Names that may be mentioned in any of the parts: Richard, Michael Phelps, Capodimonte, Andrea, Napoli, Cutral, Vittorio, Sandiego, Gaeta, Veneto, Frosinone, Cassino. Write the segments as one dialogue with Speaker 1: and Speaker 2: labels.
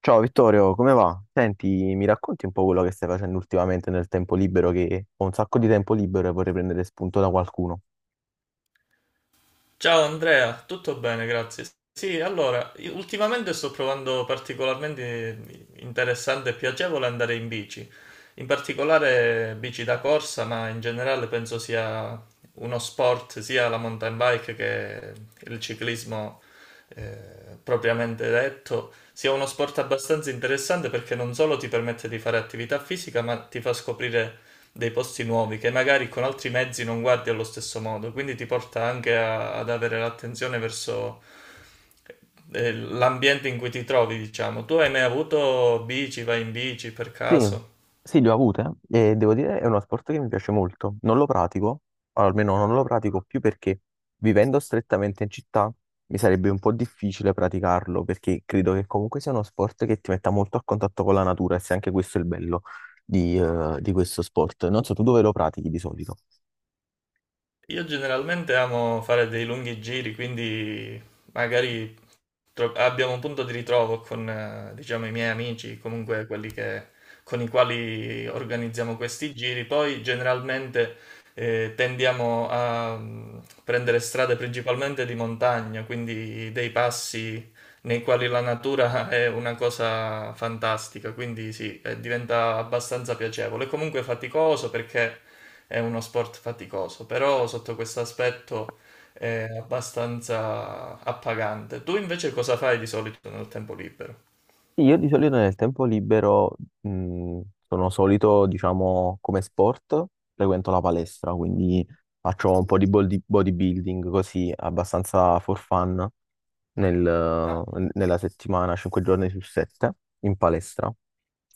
Speaker 1: Ciao Vittorio, come va? Senti, mi racconti un po' quello che stai facendo ultimamente nel tempo libero, che ho un sacco di tempo libero e vorrei prendere spunto da qualcuno.
Speaker 2: Ciao Andrea, tutto bene, grazie. Sì, allora, io ultimamente sto trovando particolarmente interessante e piacevole andare in bici, in particolare bici da corsa, ma in generale penso sia uno sport, sia la mountain bike che il ciclismo, eh, propriamente detto sia uno sport abbastanza interessante perché non solo ti permette di fare attività fisica, ma ti fa scoprire dei posti nuovi che magari con altri mezzi non guardi allo stesso modo, quindi ti porta anche ad avere l'attenzione verso l'ambiente in cui ti trovi, diciamo. Tu hai mai avuto bici, vai in bici per
Speaker 1: Sì,
Speaker 2: caso?
Speaker 1: sì, le ho avute e devo dire è uno sport che mi piace molto. Non lo pratico, o almeno non lo pratico più perché vivendo strettamente in città mi sarebbe un po' difficile praticarlo perché credo che comunque sia uno sport che ti metta molto a contatto con la natura e se anche questo è il bello di questo sport. Non so, tu dove lo pratichi di solito?
Speaker 2: Io generalmente amo fare dei lunghi giri, quindi magari abbiamo un punto di ritrovo con, diciamo, i miei amici, comunque con i quali organizziamo questi giri. Poi generalmente tendiamo a prendere strade principalmente di montagna, quindi dei passi nei quali la natura è una cosa fantastica, quindi sì, diventa abbastanza piacevole. È comunque faticoso perché è uno sport faticoso, però sotto questo aspetto è abbastanza appagante. Tu invece cosa fai di solito nel tempo libero?
Speaker 1: Sì, io di solito nel tempo libero sono solito, diciamo, come sport, frequento la palestra, quindi faccio un po' di bodybuilding così, abbastanza for fun nel- nella settimana, 5 giorni su 7 in palestra.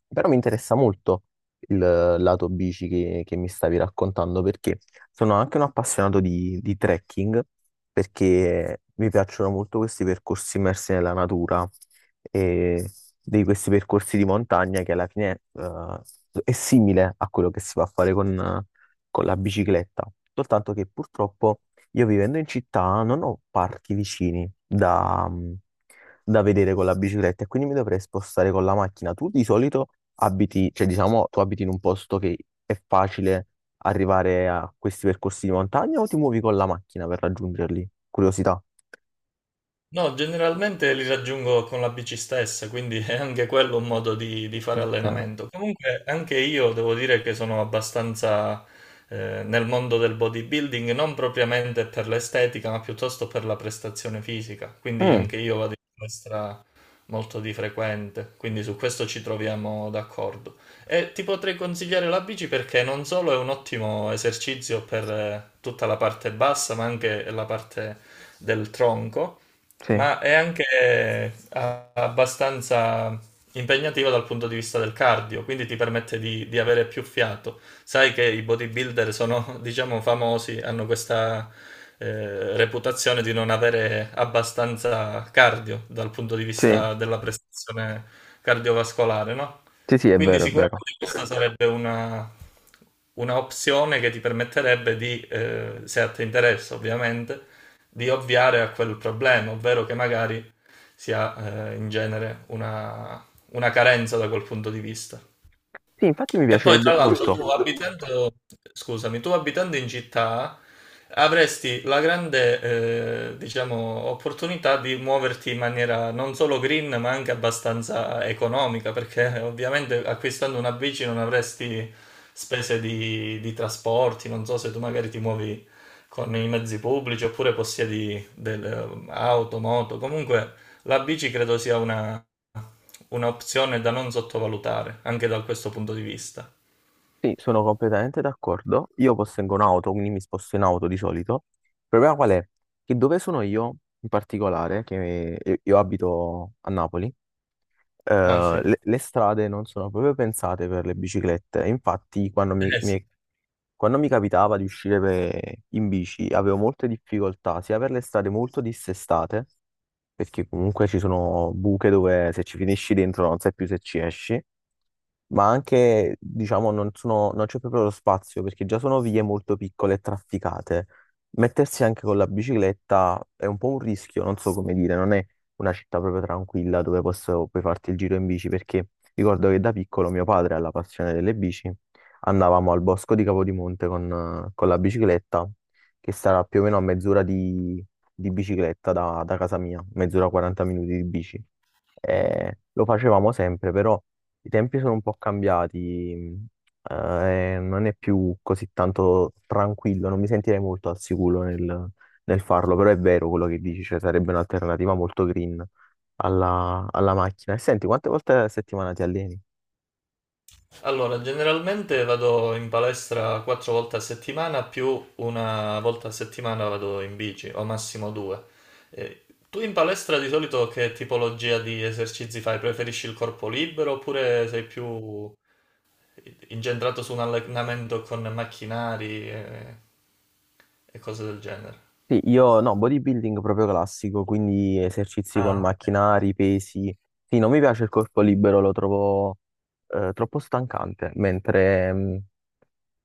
Speaker 1: Però mi interessa molto il lato bici che mi stavi raccontando perché sono anche un appassionato di trekking perché mi piacciono molto questi percorsi immersi nella natura e di questi percorsi di montagna che alla fine è simile a quello che si va a fare con la bicicletta, soltanto che purtroppo io vivendo in città non ho parchi vicini da vedere con la bicicletta e quindi mi dovrei spostare con la macchina. Tu di solito abiti, cioè diciamo, tu abiti in un posto che è facile arrivare a questi percorsi di montagna o ti muovi con la macchina per raggiungerli? Curiosità.
Speaker 2: No, generalmente li raggiungo con la bici stessa, quindi è anche quello un modo di fare
Speaker 1: Ok.
Speaker 2: allenamento. Comunque anche io devo dire che sono abbastanza nel mondo del bodybuilding, non propriamente per l'estetica, ma piuttosto per la prestazione fisica, quindi
Speaker 1: Mm,
Speaker 2: anche io vado in palestra molto di frequente, quindi su questo ci troviamo d'accordo. E ti potrei consigliare la bici perché non solo è un ottimo esercizio per tutta la parte bassa, ma anche la parte del tronco,
Speaker 1: sì,
Speaker 2: ma è anche abbastanza impegnativo dal punto di vista del cardio, quindi ti permette di avere più fiato. Sai che i bodybuilder sono, diciamo, famosi, hanno questa reputazione di non avere abbastanza cardio dal punto di
Speaker 1: sì,
Speaker 2: vista della prestazione cardiovascolare, no?
Speaker 1: sì, sì, è
Speaker 2: Quindi
Speaker 1: vero, è
Speaker 2: sicuramente
Speaker 1: vero.
Speaker 2: questa sarebbe una opzione che ti permetterebbe di, se a te interessa ovviamente, di ovviare a quel problema, ovvero che magari si ha in genere una carenza da quel punto di vista.
Speaker 1: Sì, infatti mi
Speaker 2: E poi,
Speaker 1: piacerebbe
Speaker 2: tra l'altro, tu
Speaker 1: molto.
Speaker 2: abitando, scusami, tu abitando in città avresti la grande, diciamo, opportunità di muoverti in maniera non solo green, ma anche abbastanza economica, perché ovviamente acquistando una bici non avresti spese di trasporti, non so se tu magari ti muovi con i mezzi pubblici oppure possiedi delle auto, moto, comunque la bici credo sia un'opzione da non sottovalutare, anche da questo punto di vista.
Speaker 1: Sì, sono completamente d'accordo. Io possengo un'auto, quindi mi sposto in auto di solito. Il problema qual è? Che dove sono io, in particolare, che io abito a Napoli,
Speaker 2: Ah sì.
Speaker 1: le strade non sono proprio pensate per le biciclette. Infatti,
Speaker 2: Sì.
Speaker 1: quando mi capitava di uscire in bici, avevo molte difficoltà, sia per le strade molto dissestate, perché comunque ci sono buche dove se ci finisci dentro non sai più se ci esci ma anche, diciamo, non c'è proprio lo spazio perché già sono vie molto piccole e trafficate. Mettersi anche con la bicicletta è un po' un rischio, non so come dire, non è una città proprio tranquilla dove puoi farti il giro in bici perché ricordo che da piccolo mio padre ha la passione delle bici, andavamo al bosco di Capodimonte con la bicicletta, che sarà più o meno a mezz'ora di bicicletta da casa mia, mezz'ora 40 minuti di bici. Lo facevamo sempre, però. I tempi sono un po' cambiati, non è più così tanto tranquillo, non mi sentirei molto al sicuro nel farlo, però è vero quello che dici, cioè sarebbe un'alternativa molto green alla macchina. E senti, quante volte a settimana ti alleni?
Speaker 2: Allora, generalmente vado in palestra 4 volte a settimana, più una volta a settimana vado in bici, o massimo due. Tu in palestra di solito che tipologia di esercizi fai? Preferisci il corpo libero oppure sei più incentrato su un allenamento con macchinari e cose del genere?
Speaker 1: Sì, io no, bodybuilding proprio classico, quindi esercizi con
Speaker 2: Ah, ok.
Speaker 1: macchinari, pesi. Sì, non mi piace il corpo libero, lo trovo troppo stancante, mentre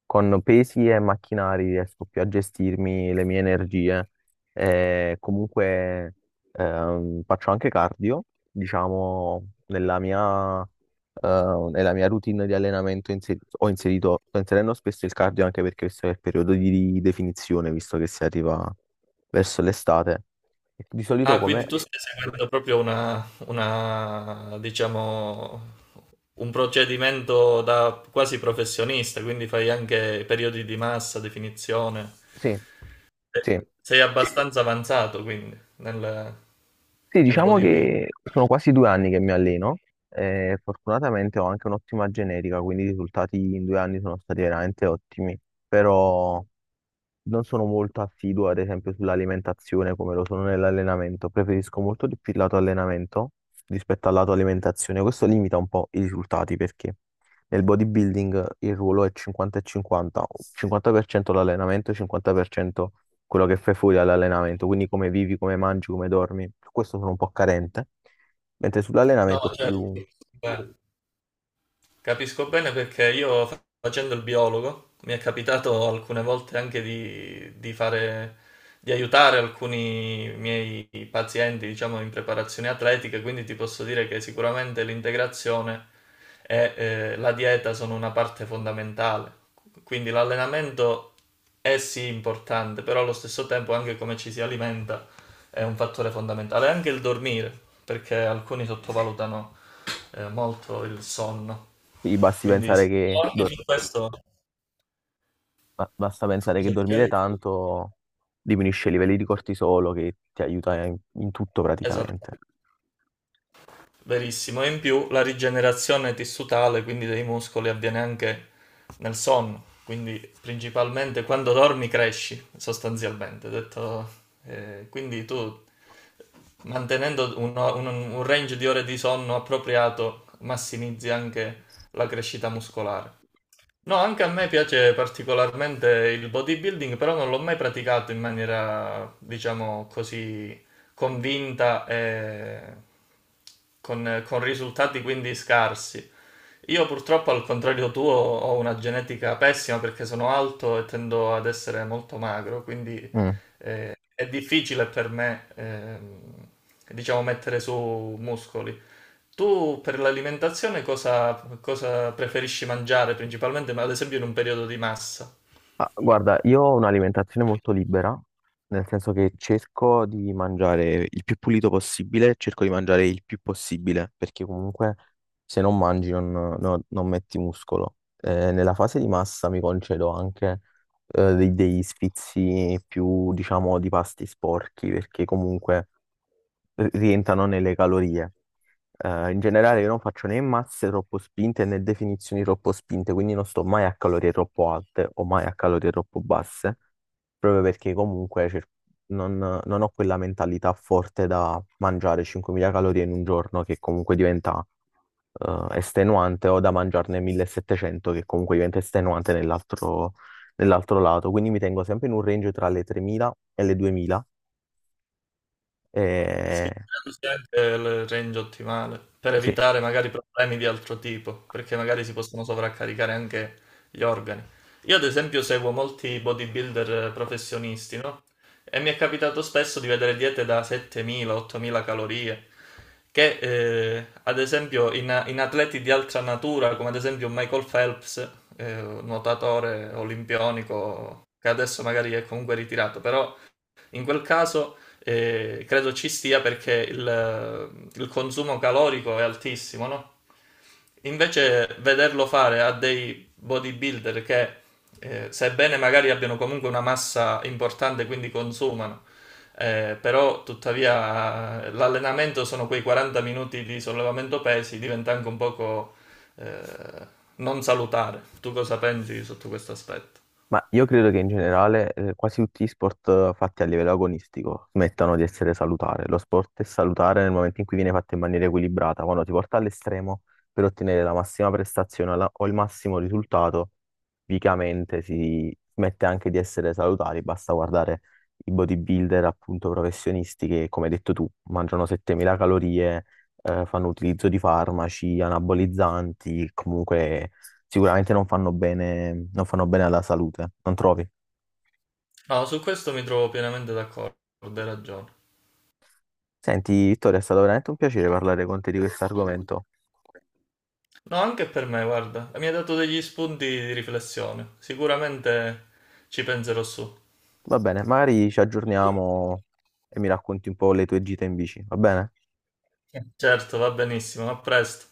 Speaker 1: con pesi e macchinari riesco più a gestirmi le mie energie. E comunque faccio anche cardio, diciamo, nella mia routine di allenamento ho inserito, sto inserendo spesso il cardio anche perché questo è il periodo di definizione, visto che si arriva verso l'estate. E di solito
Speaker 2: Ah, quindi
Speaker 1: come...
Speaker 2: tu stai seguendo proprio diciamo, un procedimento da quasi professionista, quindi fai anche periodi di massa, definizione.
Speaker 1: Sì,
Speaker 2: Eh,
Speaker 1: sì.
Speaker 2: Sei abbastanza avanzato, quindi, nel,
Speaker 1: Sì,
Speaker 2: nel
Speaker 1: diciamo
Speaker 2: bodybuilding.
Speaker 1: che sono quasi 2 anni che mi alleno e fortunatamente ho anche un'ottima genetica, quindi i risultati in 2 anni sono stati veramente ottimi, però non sono molto assiduo, ad esempio, sull'alimentazione come lo sono nell'allenamento. Preferisco molto di più il lato allenamento rispetto al lato alimentazione. Questo limita un po' i risultati perché nel bodybuilding il ruolo è 50 e 50, 50% l'allenamento, 50% quello che fai fuori dall'allenamento, quindi come vivi, come mangi, come dormi. Su questo sono un po' carente, mentre
Speaker 2: No,
Speaker 1: sull'allenamento
Speaker 2: certo.
Speaker 1: più
Speaker 2: Capisco bene perché io facendo il biologo mi è capitato alcune volte anche di aiutare alcuni miei pazienti, diciamo, in preparazioni atletiche, quindi ti posso dire che sicuramente l'integrazione e la dieta sono una parte fondamentale. Quindi l'allenamento è sì importante, però allo stesso tempo anche come ci si alimenta è un fattore fondamentale, anche il dormire, perché alcuni sottovalutano molto il sonno.
Speaker 1: mi basti
Speaker 2: Quindi
Speaker 1: pensare
Speaker 2: sì,
Speaker 1: che
Speaker 2: anche
Speaker 1: dormi.
Speaker 2: su questo,
Speaker 1: Basta pensare che
Speaker 2: scusa, ti
Speaker 1: dormire
Speaker 2: chiedo-
Speaker 1: tanto diminuisce i livelli di cortisolo che ti aiuta in tutto
Speaker 2: esatto,
Speaker 1: praticamente.
Speaker 2: verissimo. E in più la rigenerazione tissutale, quindi dei muscoli, avviene anche nel sonno. Quindi principalmente quando dormi cresci, sostanzialmente. Quindi tu mantenendo un range di ore di sonno appropriato massimizzi anche la crescita muscolare. No, anche a me piace particolarmente il bodybuilding, però non l'ho mai praticato in maniera, diciamo così, convinta e con risultati quindi scarsi. Io purtroppo, al contrario tuo, ho una genetica pessima perché sono alto e tendo ad essere molto magro, quindi
Speaker 1: Mm.
Speaker 2: è difficile per me, diciamo, mettere su muscoli. Tu per l'alimentazione cosa preferisci mangiare principalmente, ma ad esempio in un periodo di massa?
Speaker 1: Ah, guarda, io ho un'alimentazione molto libera, nel senso che cerco di mangiare il più pulito possibile, cerco di mangiare il più possibile, perché comunque se non mangi non metti muscolo. Nella fase di massa mi concedo anche degli sfizi più, diciamo, di pasti sporchi, perché comunque rientrano nelle calorie. In generale io non faccio né masse troppo spinte né definizioni troppo spinte, quindi non sto mai a calorie troppo alte o mai a calorie troppo basse, proprio perché comunque non, non ho quella mentalità forte da mangiare 5.000 calorie in un giorno che comunque diventa estenuante o da mangiarne 1.700 che comunque diventa estenuante nell'altro lato, quindi mi tengo sempre in un range tra le 3.000 e le 2.000.
Speaker 2: Sì,
Speaker 1: E...
Speaker 2: così anche il range ottimale, per
Speaker 1: Sì,
Speaker 2: evitare magari problemi di altro tipo, perché magari si possono sovraccaricare anche gli organi. Io ad esempio seguo molti bodybuilder professionisti, no? E mi è capitato spesso di vedere diete da 7.000-8.000 calorie, che ad esempio in atleti di altra natura, come ad esempio Michael Phelps, nuotatore olimpionico, che adesso magari è comunque ritirato, però in quel caso credo ci stia perché il consumo calorico è altissimo, no? Invece vederlo fare a dei bodybuilder che, sebbene magari abbiano comunque una massa importante, quindi consumano, però tuttavia l'allenamento sono quei 40 minuti di sollevamento pesi, diventa anche un poco eh, non salutare. Tu cosa pensi sotto questo aspetto?
Speaker 1: ma io credo che in generale quasi tutti gli sport fatti a livello agonistico smettano di essere salutare. Lo sport è salutare nel momento in cui viene fatto in maniera equilibrata, quando ti porta all'estremo per ottenere la massima prestazione o il massimo risultato, tipicamente si smette anche di essere salutari. Basta guardare i bodybuilder appunto professionisti che, come hai detto tu, mangiano 7.000 calorie, fanno utilizzo di farmaci, anabolizzanti, comunque sicuramente non fanno bene, non fanno bene alla salute, non trovi?
Speaker 2: No, su questo mi trovo pienamente d'accordo, hai ragione.
Speaker 1: Senti, Vittorio, è stato veramente un piacere parlare con te di questo argomento.
Speaker 2: No, anche per me, guarda, mi ha dato degli spunti di riflessione. Sicuramente ci penserò su.
Speaker 1: Va bene, magari ci aggiorniamo e mi racconti un po' le tue gite in bici, va bene?
Speaker 2: Sì. Certo, va benissimo, a presto.